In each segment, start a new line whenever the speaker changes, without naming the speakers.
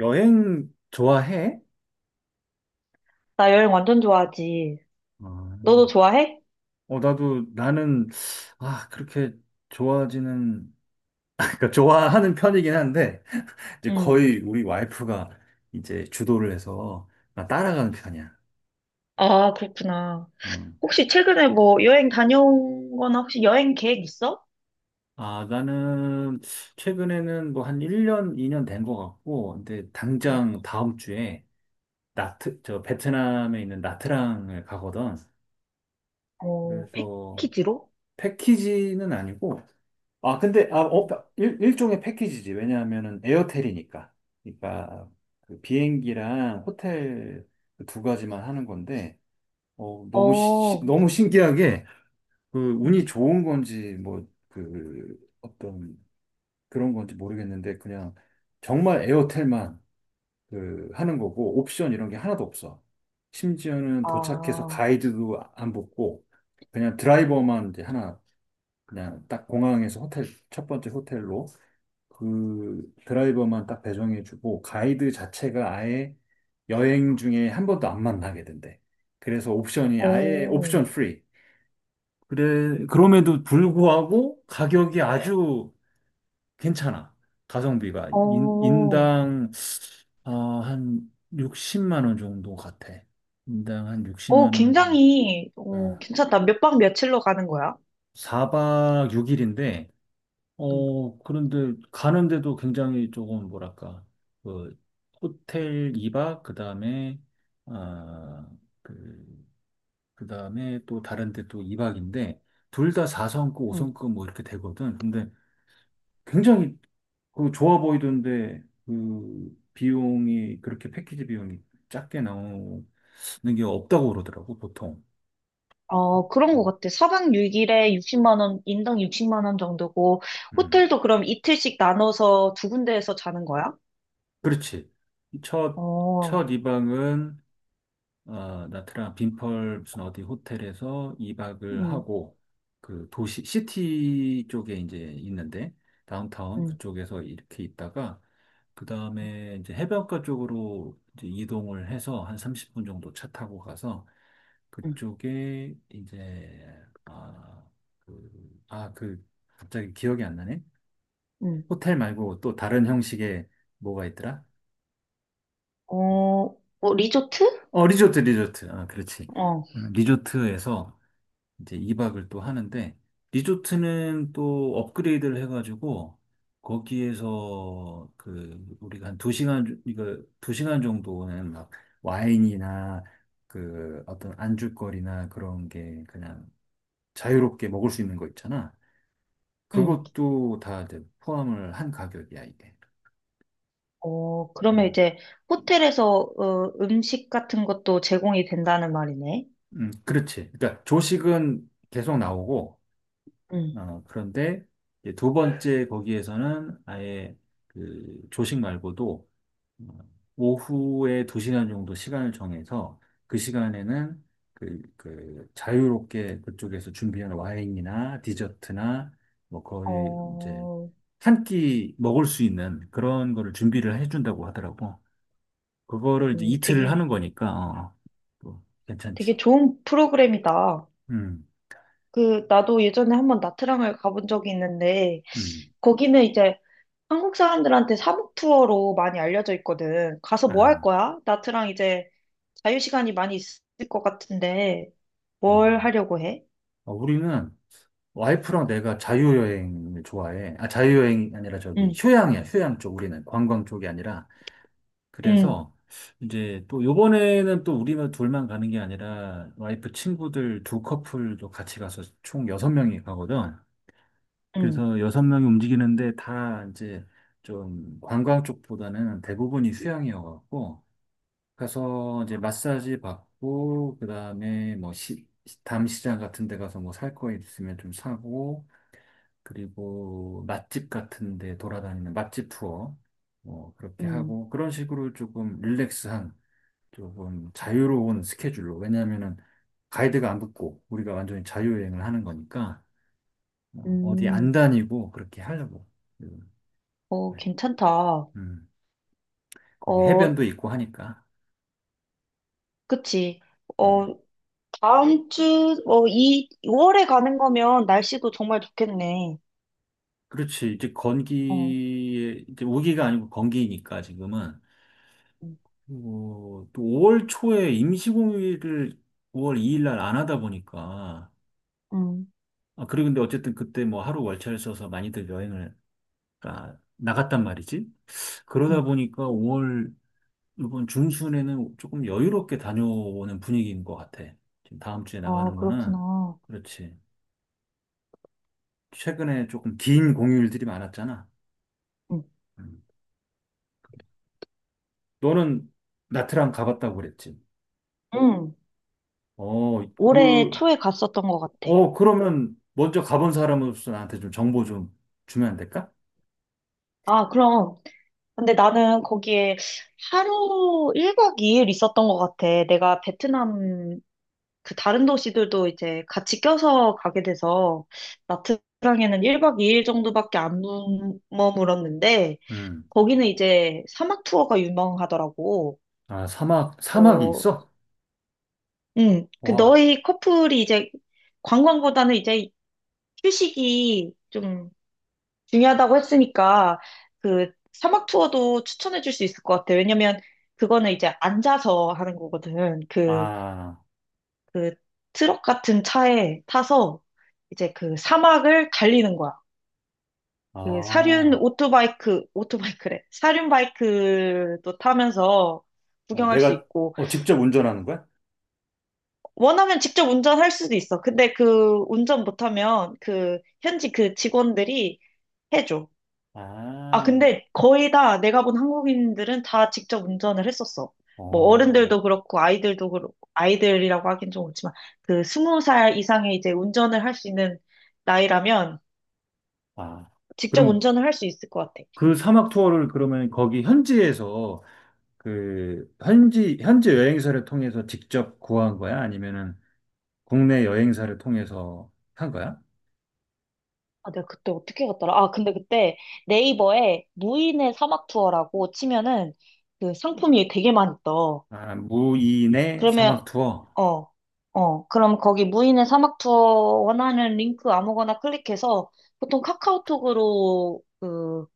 여행 좋아해?
나 여행 완전 좋아하지. 너도
아,
좋아해?
어, 나도, 나는, 아, 그렇게 좋아하지는, 그러니까 좋아하는 편이긴 한데, 이제
응.
거의 우리 와이프가 이제 주도를 해서 나 따라가는 편이야.
아, 그렇구나.
음.
혹시 최근에 뭐 여행 다녀온 거나 혹시 여행 계획 있어?
아, 나는 최근에는 뭐 한 1년, 2년 된 것 같고, 근데
응.
당장 다음 주에 저 베트남에 있는 나트랑을 가거든.
어,
그래서
패키지로?
패키지는 아니고, 아, 근데, 아, 어,
응.
일종의 패키지지. 왜냐하면은 에어텔이니까. 그러니까 그 비행기랑 호텔 그두 가지만 하는 건데, 어, 너무,
어,
너무 신기하게, 그, 운이
응.
좋은 건지, 뭐, 그, 어떤 그런 건지 모르겠는데, 그냥 정말 에어텔만 그, 하는 거고, 옵션 이런 게 하나도 없어. 심지어는
아,
도착해서
어,
가이드도 안 붙고, 그냥 드라이버만 이제 하나 그냥 딱 공항에서 호텔, 첫 번째 호텔로 그 드라이버만 딱 배정해주고 가이드 자체가 아예 여행 중에 한 번도 안 만나게 된대. 그래서 옵션이 아예 옵션 프리. 그래, 그럼에도 불구하고 가격이 아주 괜찮아. 가성비가 인,
어,
인당 어, 한 60만 원 정도 같아. 인당 한
오,
60만 원 정도.
굉장히
어.
괜찮다. 몇 박 며칠로 가는 거야?
4박 6일인데
응.
어, 그런데 가는데도 굉장히 조금 뭐랄까, 그 호텔 2박, 그다음에 아, 그 그다음에 또 다른 데또 2박인데 둘 다 4성급,
응.
5성급 뭐 이렇게 되거든. 근데 굉장히 그 좋아 보이던데 그 비용이 그렇게 패키지 비용이 작게 나오는 게 없다고 그러더라고, 보통.
어, 그런 것
음.
같아. 4박 6일에 60만 원, 인당 60만 원 정도고
음.
호텔도 그럼 이틀씩 나눠서 두 군데에서 자는 거야?
그렇지. 첫,
어,
첫 2박은 어, 나트랑 빈펄 무슨 어디 호텔에서 2박을
응,
하고 그 도시 시티 쪽에 이제 있는데 다운타운
응,
그쪽에서 이렇게 있다가 그 다음에 이제 해변가 쪽으로 이제 이동을 해서 한 30분 정도 차 타고 가서
응,
그쪽에 이제 아, 그, 아, 그 갑자기 기억이 안 나네.
응,
호텔 말고 또 다른 형식의 뭐가 있더라?
어, 뭐 리조트?
어, 리조트, 리조트. 아, 그렇지.
어,
리조트에서 이제 2박을 또 하는데 리조트는 또 업그레이드를 해가지고 거기에서 그 우리가 한 2시간 이거 두 시간 정도는 막 와인이나 그 어떤 안주거리나 그런 게 그냥 자유롭게 먹을 수 있는 거 있잖아.
응.
그것도 다 이제 포함을 한 가격이야, 이게.
어, 그러면
음,
이제 호텔에서 음식 같은 것도 제공이 된다는 말이네.
그렇지. 그러니까 조식은 계속 나오고
응.
어, 그런데 이제 두 번째 거기에서는 아예 그 조식 말고도 오후에 두시간 정도 시간을 정해서 그 시간에는 그, 그 자유롭게 그쪽에서 준비한 와인이나 디저트나 뭐 거의 이제
어,
한 끼 먹을 수 있는 그런 거를 준비를 해준다고 하더라고. 그거를 이제
음,
이틀을
되게,
하는 거니까 어, 또
되게
괜찮지.
좋은 프로그램이다.
음,
그, 나도 예전에 한번 나트랑을 가본 적이 있는데,
음.
거기는 이제 한국 사람들한테 사복 투어로 많이 알려져 있거든. 가서 뭐 할
아,
거야? 나트랑 이제 자유시간이 많이 있을 것 같은데, 뭘
어.
하려고 해?
어, 우리는 와이프랑 내가 자유여행을 좋아해. 아, 자유여행이 아니라 저기
응,
휴양이야, 휴양 쪽. 우리는 관광 쪽이 아니라
응,
그래서 이제 또 요번에는 또 우리만 둘만 가는 게 아니라 와이프 친구들 두 커플도 같이 가서 총 여섯 명이 가거든.
응,
그래서 여섯 명이 움직이는데 다 이제 좀 관광 쪽보다는 대부분이 수영이어갖고 가서 이제 마사지 받고 그다음에 뭐 시, 담시장 같은 데 가서 뭐 살 거 있으면 좀 사고 그리고 맛집 같은 데 돌아다니는 맛집 투어 뭐 그렇게
응,
하고 그런 식으로 조금 릴렉스한 조금 자유로운 스케줄로. 왜냐하면은 가이드가 안 붙고 우리가 완전히 자유여행을 하는 거니까 어, 어디 안
음,
다니고 그렇게 하려고. 음,
어,
네.
괜찮다. 어,
음, 거기 해변도 있고 하니까.
그치.
음.
어, 다음 주, 이, 2월에 가는 거면 날씨도 정말 좋겠네.
그렇지. 이제
어,
건기에, 이제 우기가 아니고 건기니까 지금은.
응,
그리고 또 5월 초에 임시공휴일을 5월 2일 날 안 하다 보니까.
응,
아, 그리고 근데 어쨌든 그때 뭐 하루 월차를 써서 많이들 여행을 아, 나갔단 말이지. 그러다
응.
보니까 5월 이번 중순에는 조금 여유롭게 다녀오는 분위기인 것 같아. 지금 다음 주에
아,
나가는 거는.
그렇구나.
그렇지. 최근에 조금 긴 공휴일들이 많았잖아.
응,
음. 너는 나트랑 가봤다고 그랬지.
응.
어,
올해
그,
초에 갔었던 것 같아.
어, 그러면 먼저 가본 사람으로서 나한테 좀 정보 좀 주면 안 될까?
아, 그럼. 근데 나는 거기에 하루 1박 2일 있었던 것 같아. 내가 베트남 그 다른 도시들도 이제 같이 껴서 가게 돼서 나트랑에는 1박 2일 정도밖에 안 머물었는데
음.
거기는 이제 사막 투어가 유명하더라고.
아, 사막, 사막이
어,
있어?
그
와.
너희 커플이 이제 관광보다는 이제 휴식이 좀 중요하다고 했으니까 그 사막 투어도 추천해 줄 수 있을 것 같아. 왜냐면 그거는 이제 앉아서 하는 거거든. 그
아,
그 트럭 같은 차에 타서 이제 그 사막을 달리는 거야.
아.
그 사륜
어,
오토바이크래. 사륜 바이크도 타면서 구경할 수
내가,
있고,
어, 직접 운전하는 거야?
원하면 직접 운전할 수도 있어. 근데 그 운전 못하면 그 현지 그 직원들이 해줘. 아,
아,
근데 거의 다 내가 본 한국인들은 다 직접 운전을 했었어. 뭐
어.
어른들도 그렇고 아이들도 그렇고 아이들이라고 하긴 좀 그렇지만 그 스무 살 이상의 이제 운전을 할 수 있는 나이라면
아.
직접
그럼
운전을 할 수 있을 것 같아.
그
응.
사막 투어를 그러면 거기 현지에서 그 현지 현지 여행사를 통해서 직접 구한 거야? 아니면은 국내 여행사를 통해서 한 거야?
아, 내가 그때 어떻게 갔더라? 아, 근데 그때 네이버에 무인의 사막 투어라고 치면은 그 상품이 되게 많이 떠.
아, 무인의
그러면,
사막 투어.
어, 그럼 거기 무인의 사막 투어 원하는 링크 아무거나 클릭해서 보통 카카오톡으로 그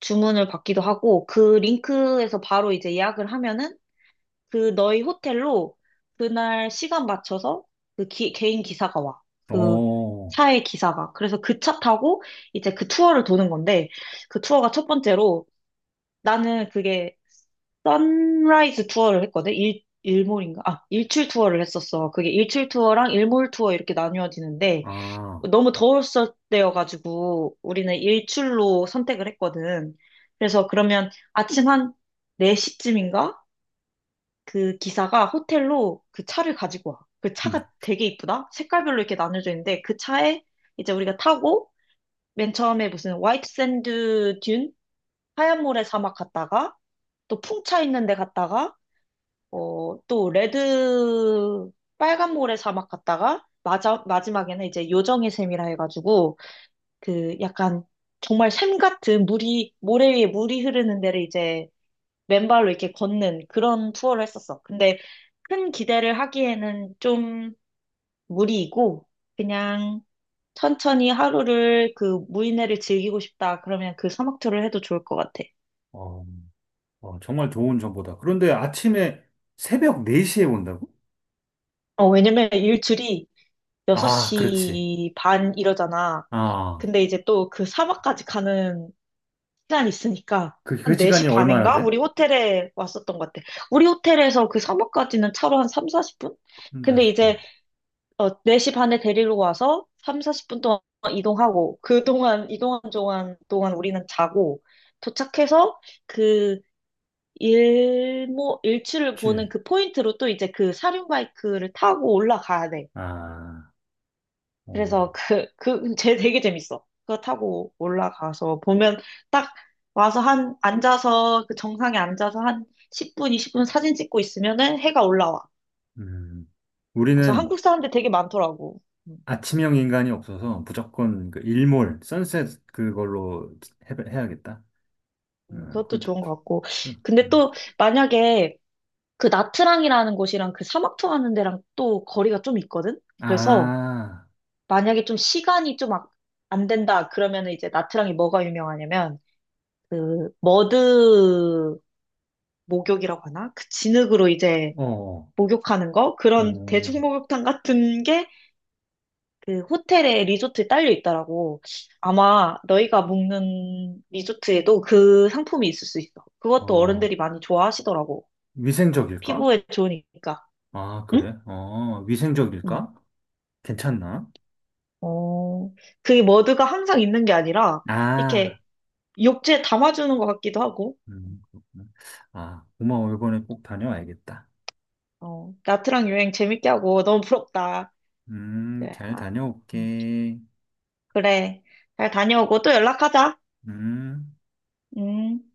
주문을 받기도 하고 그 링크에서 바로 이제 예약을 하면은 그 너희 호텔로 그날 시간 맞춰서 그 개인 기사가 와. 그
어,
차의 기사가. 그래서 그 차 타고 이제 그 투어를 도는 건데 그 투어가 첫 번째로 나는 그게 선라이즈 투어를 했거든? 일몰인가? 아, 일출 투어를 했었어. 그게 일출 투어랑 일몰 투어 이렇게 나뉘어지는데,
아,
너무 더웠을 때여가지고, 우리는 일출로 선택을 했거든. 그래서 그러면 아침 한 4시쯤인가? 그 기사가 호텔로 그 차를 가지고 와. 그
음,
차가 되게 이쁘다? 색깔별로 이렇게 나눠져 있는데, 그 차에 이제 우리가 타고, 맨 처음에 무슨 화이트 샌드 듄? 하얀 모래 사막 갔다가, 또 풍차 있는 데 갔다가, 또 레드 빨간 모래 사막 갔다가 마지막에는 이제 요정의 샘이라 해가지고 그 약간 정말 샘 같은 물이 모래 위에 물이 흐르는 데를 이제 맨발로 이렇게 걷는 그런 투어를 했었어. 근데 큰 기대를 하기에는 좀 무리이고 그냥 천천히 하루를 그 무인회를 즐기고 싶다 그러면 그 사막 투어를 해도 좋을 것 같아.
어, 어, 정말 좋은 정보다. 그런데 아침에 새벽 4시에 온다고?
어, 왜냐면 일출이
아, 그렇지.
6시 반 이러잖아.
아,
근데 이제 또 그 사막까지 가는 시간이 있으니까
그, 그
한 4시
시간이 얼마나
반인가?
돼?
우리 호텔에 왔었던 것 같아. 우리 호텔에서 그 사막까지는 차로 한 3, 40분?
사0
근데 이제
분
4시 반에 데리러 와서 3, 40분 동안 이동하고 그동안 이동한 동안 우리는 자고 도착해서 그 일모 일출을
7.
보는 그 포인트로 또 이제 그 사륜 바이크를 타고 올라가야 돼.
아, 오.
그래서 쟤 되게 재밌어. 그거 타고 올라가서 보면 딱 와서 앉아서, 그 정상에 앉아서 한 10분, 20분 사진 찍고 있으면은 해가 올라와.
음.
그래서
우리는
한국 사람들 되게 많더라고. 음,
아침형 인간이 없어서 무조건 그 일몰, 선셋 그걸로 해야겠다. 어,
그것도
그,
좋은 것 같고. 근데
음.
또 만약에 그 나트랑이라는 곳이랑 그 사막 투어하는 데랑 또 거리가 좀 있거든? 그래서
아,
만약에 좀 시간이 좀 안 된다 그러면은 이제 나트랑이 뭐가 유명하냐면 그 머드 목욕이라고 하나? 그 진흙으로 이제
어,
목욕하는 거? 그런
어,
대중 목욕탕 같은 게 그 호텔에 리조트에 딸려 있더라고. 아마 너희가 묵는 리조트에도 그 상품이 있을 수 있어. 그것도
어,
어른들이 많이 좋아하시더라고.
위생적일까?
피부에 좋으니까.
아,
응?
그래? 어,
응.
위생적일까? 괜찮나?
어, 그게 머드가 항상 있는 게 아니라
아,
이렇게 욕조에 담아주는 것 같기도 하고.
그렇구나. 아, 고마워. 이번에 꼭 다녀와야겠다.
어, 나트랑 여행 재밌게 하고 너무 부럽다. 그래,
잘
아, 음.
다녀올게.
그래. 잘 다녀오고 또 연락하자.
음.
음.